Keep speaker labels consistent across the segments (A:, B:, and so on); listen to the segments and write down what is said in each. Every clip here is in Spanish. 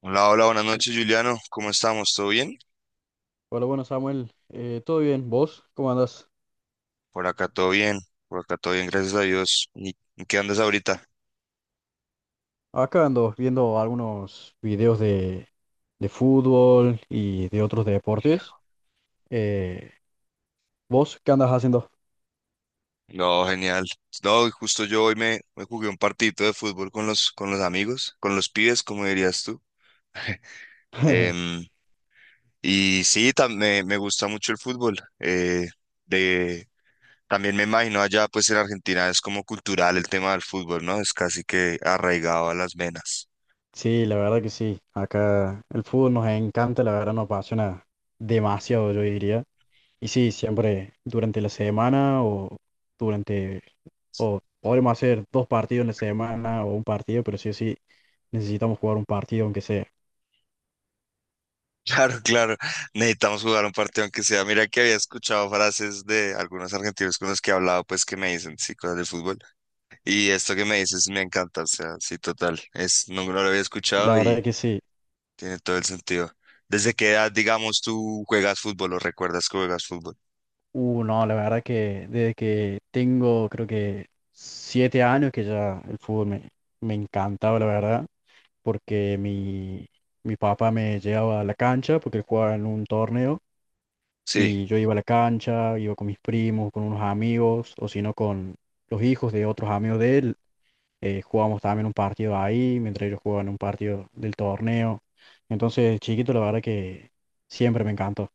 A: Hola, hola, buenas noches, Juliano. ¿Cómo estamos? ¿Todo bien?
B: Hola, bueno Samuel. ¿Todo bien? ¿Vos? ¿Cómo andás?
A: Por acá todo bien, por acá todo bien, gracias a Dios. ¿Y en qué andas ahorita?
B: Acá ando viendo algunos videos de fútbol y de otros deportes. Eh, ¿Vos qué andas haciendo?
A: No, genial. No, y justo yo hoy me jugué un partidito de fútbol con los amigos, con los pibes, como dirías tú. Em, y sí, me gusta mucho el fútbol. De, También me imagino allá, pues en Argentina es como cultural el tema del fútbol, ¿no? Es casi que arraigado a las venas.
B: Sí, la verdad que sí. Acá el fútbol nos encanta, la verdad nos apasiona demasiado, yo diría. Y sí, siempre durante la semana o durante, o podremos hacer dos partidos en la semana o un partido, pero sí o sí necesitamos jugar un partido aunque sea.
A: Claro, claro. Necesitamos jugar un partido aunque sea. Mira que había escuchado frases de algunos argentinos con los que he hablado, pues que me dicen, sí, cosas de fútbol. Y esto que me dices me encanta, o sea, sí, total. Es, no, no lo había
B: La
A: escuchado
B: verdad
A: y
B: que sí.
A: tiene todo el sentido. ¿Desde qué edad, digamos, tú juegas fútbol o recuerdas que juegas fútbol?
B: No, la verdad que desde que tengo creo que 7 años que ya el fútbol me encantaba, la verdad, porque mi papá me llevaba a la cancha porque él jugaba en un torneo
A: Sí.
B: y yo iba a la cancha, iba con mis primos, con unos amigos o si no con los hijos de otros amigos de él. Jugábamos también un partido ahí, mientras ellos jugaban un partido del torneo. Entonces, chiquito, la verdad que siempre me encantó,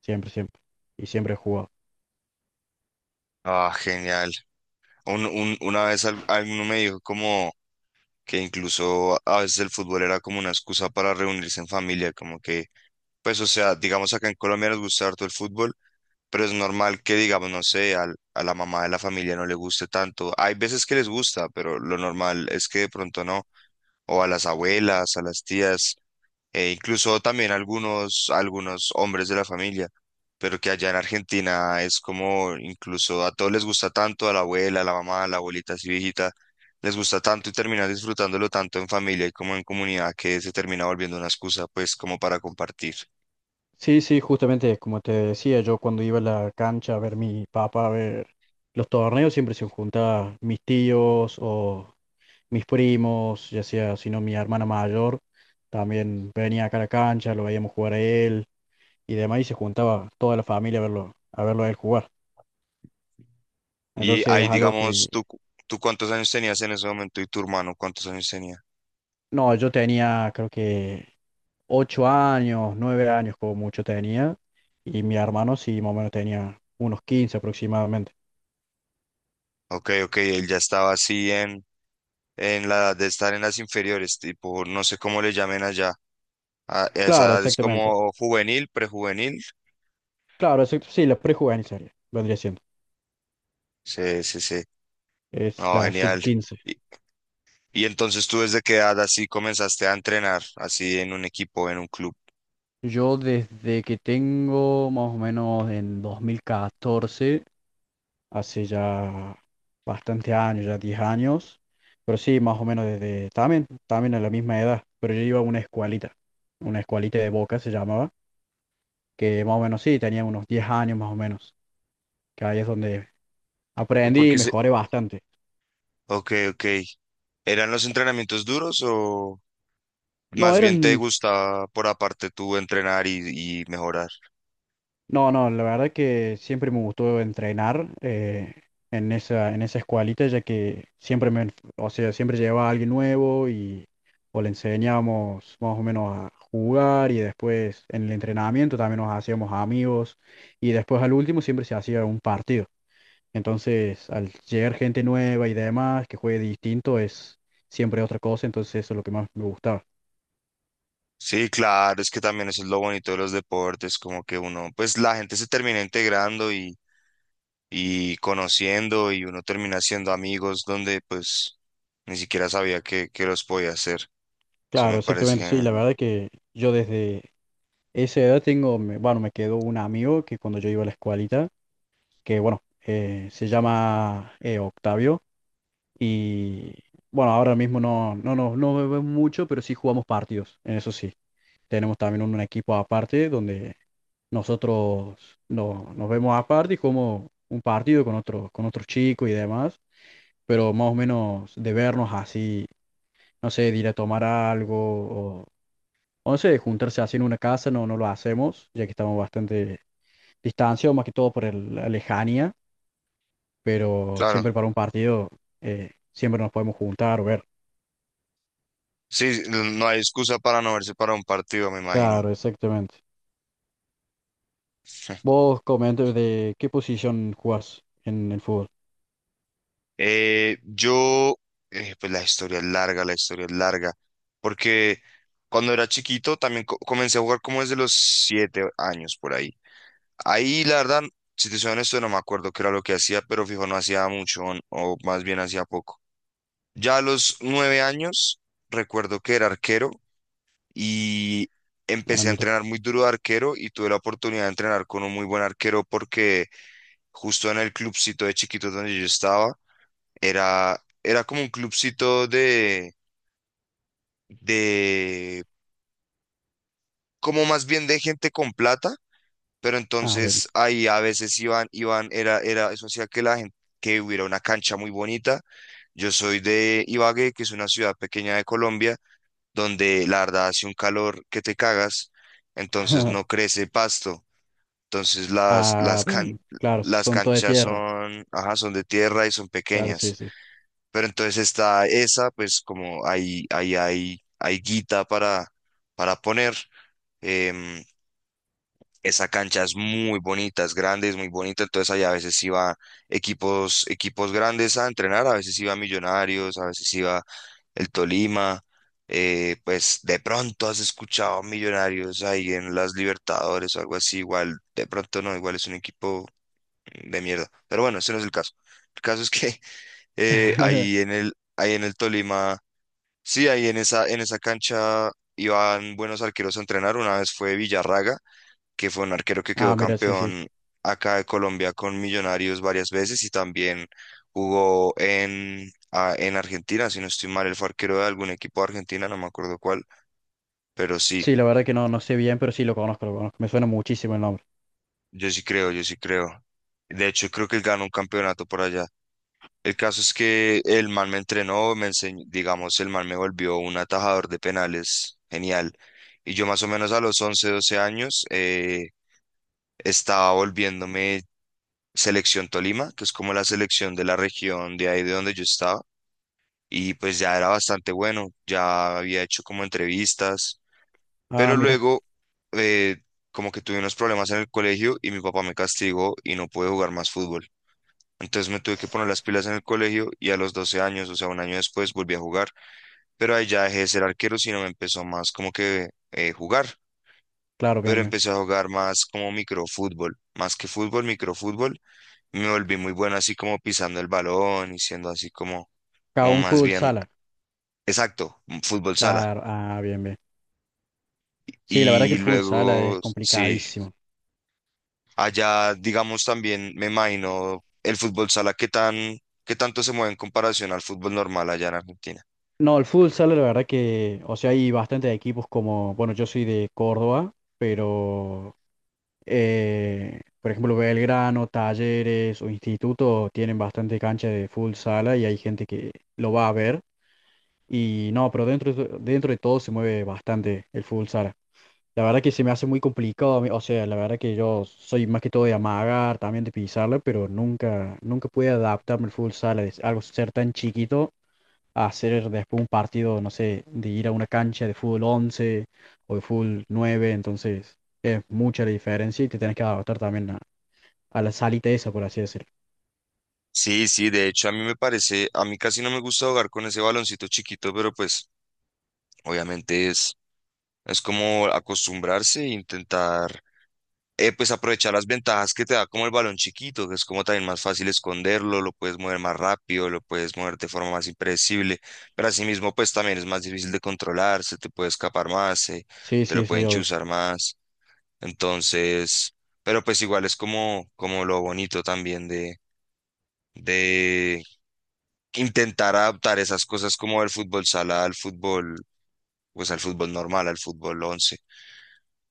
B: siempre, siempre, y siempre he jugado.
A: Ah, genial. Una vez alguno me dijo como que incluso a veces el fútbol era como una excusa para reunirse en familia, como que, pues, o sea, digamos acá en Colombia nos gusta harto el fútbol pero es normal que, digamos, no sé, a la mamá de la familia no le guste tanto. Hay veces que les gusta, pero lo normal es que de pronto no. O a las abuelas, a las tías, e incluso también algunos hombres de la familia. Pero que allá en Argentina es como incluso a todos les gusta tanto, a la abuela, a la mamá, a la abuelita así viejita, les gusta tanto y terminan disfrutándolo tanto en familia y como en comunidad que se termina volviendo una excusa pues como para compartir.
B: Sí, sí, justamente como te decía, yo cuando iba a la cancha a ver mi papá, a ver los torneos, siempre se juntaban mis tíos o mis primos, ya sea, si no, mi hermana mayor, también venía acá a la cancha, lo veíamos jugar a él y demás, y se juntaba toda la familia a verlo, a verlo a él jugar.
A: Y
B: Entonces
A: ahí,
B: es algo
A: digamos,
B: que,
A: tú cuántos años tenías en ese momento y tu hermano cuántos años tenía.
B: no, yo tenía creo que 8 años, 9 años como mucho tenía, y mi hermano sí, más o menos tenía unos 15 aproximadamente.
A: Ok, ok, él ya estaba así en la edad de estar en las inferiores, tipo, no sé cómo le llamen allá. A esa
B: Claro,
A: edad es
B: exactamente.
A: como juvenil, prejuvenil.
B: Claro, sí, la prejuvenil sería, vendría siendo.
A: Sí, sí, sí.
B: Es
A: No,
B: la sub
A: genial.
B: 15.
A: Y, y entonces tú desde qué edad así comenzaste a entrenar, así en un equipo, en un club.
B: Yo desde que tengo más o menos en 2014. Hace ya bastante años, ya 10 años. Pero sí, más o menos desde también, también a la misma edad. Pero yo iba a una escuelita de Boca se llamaba, que más o menos sí, tenía unos 10 años más o menos. Que ahí es donde aprendí y
A: Porque se...
B: mejoré bastante.
A: Ok, ok. ¿Eran los entrenamientos duros o
B: No
A: más bien te
B: eran.
A: gustaba por aparte tú entrenar y mejorar?
B: No, no, la verdad que siempre me gustó entrenar en esa escuelita, ya que siempre me, o sea, siempre llevaba a alguien nuevo y o le enseñábamos más o menos a jugar y después en el entrenamiento también nos hacíamos amigos y después al último siempre se hacía un partido. Entonces, al llegar gente nueva y demás que juegue distinto es siempre otra cosa, entonces eso es lo que más me gustaba.
A: Sí, claro, es que también eso es lo bonito de los deportes, como que uno, pues la gente se termina integrando y conociendo y uno termina siendo amigos donde pues ni siquiera sabía que los podía hacer. Eso
B: Claro,
A: me parece
B: exactamente, sí,
A: genial.
B: la verdad que yo desde esa edad tengo, bueno, me quedó un amigo que cuando yo iba a la escuelita, que bueno, se llama Octavio. Y bueno, ahora mismo no, no, no, no nos vemos mucho, pero sí jugamos partidos, en eso sí. Tenemos también un equipo aparte donde nosotros nos vemos aparte y jugamos un partido con otros chicos y demás, pero más o menos de vernos así, no sé, de ir a tomar algo 11 juntarse así en una casa, no, no lo hacemos, ya que estamos bastante distanciados, más que todo por la lejanía, pero
A: Claro,
B: siempre para un partido siempre nos podemos juntar o ver.
A: sí, no no hay excusa para no verse para un partido, me imagino.
B: Claro, exactamente. Vos comentas de qué posición jugás en el fútbol.
A: Yo pues la historia es larga, la historia es larga, porque cuando era chiquito también comencé a jugar como desde los 7 años por ahí. Ahí, la verdad, si te soy honesto, no me acuerdo qué era lo que hacía, pero fijo, no hacía mucho, o más bien hacía poco. Ya a los 9 años, recuerdo que era arquero y
B: Ah,
A: empecé a
B: mira.
A: entrenar muy duro de arquero y tuve la oportunidad de entrenar con un muy buen arquero porque justo en el clubcito de chiquitos donde yo estaba, era como un clubcito de, como más bien de gente con plata pero
B: Ah, bien.
A: entonces ahí a veces eso hacía que la gente, que hubiera una cancha muy bonita. Yo soy de Ibagué, que es una ciudad pequeña de Colombia, donde la verdad hace un calor que te cagas, entonces no crece pasto. Entonces
B: Ah, bien. Claro,
A: las
B: son todo de
A: canchas
B: tierra.
A: son, ajá, son de tierra y son
B: Claro, sí,
A: pequeñas.
B: sí.
A: Pero entonces está esa, pues como ahí, hay guita para poner. Em, esa cancha es muy bonita, es grande, es muy bonita, entonces allá a veces iba equipos grandes a entrenar, a veces iba Millonarios, a veces iba el Tolima, pues de pronto has escuchado Millonarios ahí en las Libertadores o algo así, igual, de pronto no, igual es un equipo de mierda, pero bueno, ese no es el caso. El caso es que ahí en el Tolima, sí, ahí en esa cancha iban buenos arqueros a entrenar, una vez fue Villarraga que fue un arquero que
B: Ah,
A: quedó
B: mira, sí, sí.
A: campeón acá de Colombia con Millonarios varias veces y también jugó en, ah, en Argentina, si no estoy mal, él fue arquero de algún equipo de Argentina, no me acuerdo cuál, pero sí,
B: Sí, la verdad que no, no sé bien, pero sí lo conozco, lo conozco. Me suena muchísimo el nombre.
A: yo sí creo, yo sí creo. De hecho, creo que él ganó un campeonato por allá. El caso es que el man me entrenó, me enseñó, digamos, el man me volvió un atajador de penales, genial. Y yo más o menos a los 11 12 años estaba volviéndome Selección Tolima, que es como la selección de la región de ahí de donde yo estaba, y pues ya era bastante bueno, ya había hecho como entrevistas,
B: Ah,
A: pero
B: mira.
A: luego eh, como que tuve unos problemas en el colegio y mi papá me castigó y no pude jugar más fútbol. Entonces me tuve que poner las pilas en el colegio y a los 12 años, o sea, un año después, volví a jugar, pero ahí ya dejé de ser arquero, sino me empezó más como que
B: Claro,
A: pero
B: bien, bien.
A: empecé a jugar más como microfútbol, más que fútbol, microfútbol me volví muy bueno así como pisando el balón y siendo así como,
B: Acá
A: como
B: un
A: más
B: fútbol
A: bien,
B: sala.
A: exacto, fútbol sala.
B: Claro, ah, bien, bien. Sí, la verdad que
A: Y
B: el fútbol sala es
A: luego, sí,
B: complicadísimo.
A: allá digamos también, me imagino, el fútbol sala, ¿qué tanto se mueve en comparación al fútbol normal allá en Argentina?
B: No, el fútbol sala, la verdad que, o sea, hay bastantes equipos como, bueno, yo soy de Córdoba, pero, por ejemplo, Belgrano, Talleres o Instituto tienen bastante cancha de fútbol sala y hay gente que lo va a ver. Y no, pero dentro de todo se mueve bastante el fútbol sala. La verdad que se me hace muy complicado, a mí, o sea, la verdad que yo soy más que todo de amagar, también de pisarla, pero nunca, nunca pude adaptarme al fútbol sala, de algo ser tan chiquito a hacer después un partido, no sé, de ir a una cancha de fútbol 11 o de fútbol 9, entonces es mucha la diferencia y te tenés que adaptar también a la salita esa, por así decirlo.
A: Sí, sí, de hecho a mí me parece, a mí casi no me gusta jugar con ese baloncito chiquito, pero pues obviamente es como acostumbrarse e intentar pues aprovechar las ventajas que te da como el balón chiquito, que es como también más fácil esconderlo, lo puedes mover más rápido, lo puedes mover de forma más impredecible, pero asimismo pues también es más difícil de controlar, se te puede escapar más,
B: Sí,
A: te
B: sí,
A: lo
B: sí,
A: pueden
B: obvio.
A: chuzar más, entonces, pero pues igual es como, como lo bonito también de intentar adaptar esas cosas como el fútbol sala al fútbol, pues al fútbol normal, al fútbol once.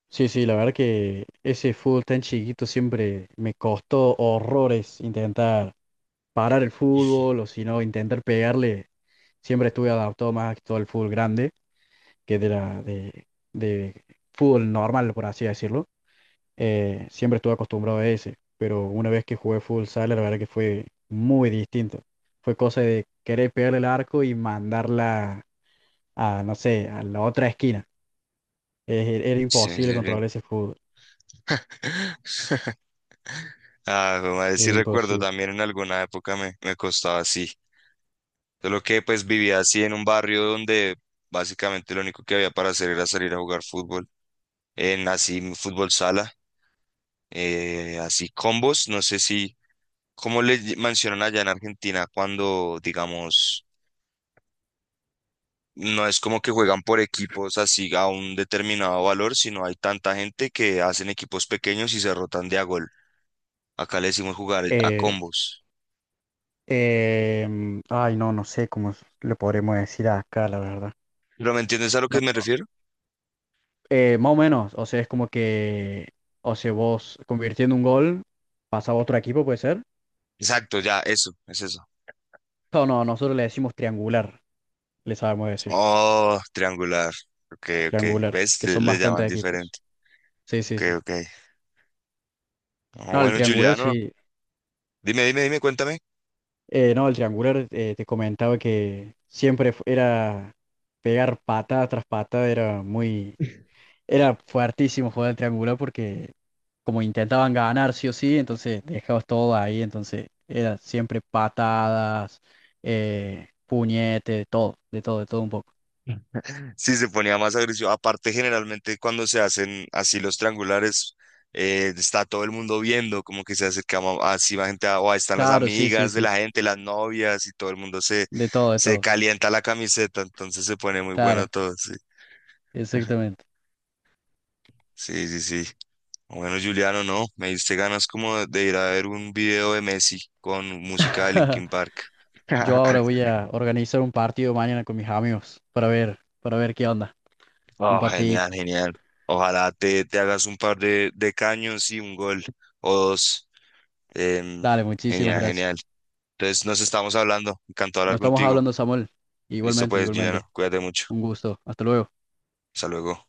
B: Sí, sí, la verdad que ese fútbol tan chiquito siempre me costó horrores intentar parar el fútbol o si no, intentar pegarle. Siempre estuve adaptado más que todo al fútbol grande, que de fútbol normal, por así decirlo. Siempre estuve acostumbrado a ese, pero una vez que jugué fútbol sala, la verdad que fue muy distinto. Fue cosa de querer pegarle el arco y mandarla a, no sé, a la otra esquina. Era
A: Sí,
B: imposible
A: sí, sí.
B: controlar ese fútbol.
A: Ah, jue madre, sí
B: Era
A: recuerdo
B: imposible.
A: también en alguna época me costaba así. Solo que pues vivía así en un barrio donde básicamente lo único que había para hacer era salir a jugar fútbol. En así fútbol sala, así combos, no sé si, ¿cómo le mencionan allá en Argentina cuando, digamos, no es como que juegan por equipos así a un determinado valor, sino hay tanta gente que hacen equipos pequeños y se rotan de a gol. Acá le decimos jugar a
B: Eh,
A: combos.
B: Ay, no, no sé cómo le podremos decir acá, la verdad.
A: ¿Pero me entiendes a lo
B: No,
A: que me
B: no.
A: refiero?
B: Más o menos, o sea, es como que, o sea, vos convirtiendo un gol, pasa a otro equipo, puede ser.
A: Exacto, ya, eso, es eso.
B: No, no, nosotros le decimos triangular, le sabemos decir,
A: Oh, triangular. Ok, ok.
B: triangular,
A: ¿Ves?
B: que son
A: Le llaman
B: bastantes equipos.
A: diferente.
B: Sí, sí,
A: Ok,
B: sí.
A: ok. Ah,
B: No, el
A: bueno,
B: triangular
A: Juliano,
B: sí.
A: dime, dime, dime, cuéntame.
B: No, el triangular te comentaba que era pegar patada tras patada, era muy. Era, fue hartísimo jugar al triangular porque como intentaban ganar sí o sí, entonces dejabas todo ahí, entonces era siempre patadas, puñete, de todo, de todo, de todo un poco.
A: Sí, se ponía más agresivo. Aparte, generalmente cuando se hacen así los triangulares, está todo el mundo viendo, como que se acerca así la gente, a- o ahí están las
B: Claro, sí, sí,
A: amigas de
B: sí,
A: la gente, las novias, y todo el mundo se,
B: de todo, de
A: se
B: todo.
A: calienta la camiseta, entonces se pone muy bueno
B: Claro,
A: todo, sí.
B: exactamente.
A: Sí, sí, sí. Bueno, Juliano, no, me diste ganas como de ir a ver un video de Messi con música de Linkin Park.
B: Yo ahora voy a organizar un partido mañana con mis amigos para ver qué onda. Un
A: Oh,
B: partidito.
A: genial, genial. Ojalá te hagas un par de caños y un gol o dos. Em,
B: Dale, muchísimas
A: genial, genial.
B: gracias.
A: Entonces nos estamos hablando. Encantado de
B: Nos
A: hablar
B: estamos
A: contigo.
B: hablando, Samuel.
A: Listo
B: Igualmente,
A: pues,
B: igualmente.
A: Juliano, cuídate mucho.
B: Un gusto. Hasta luego.
A: Hasta luego.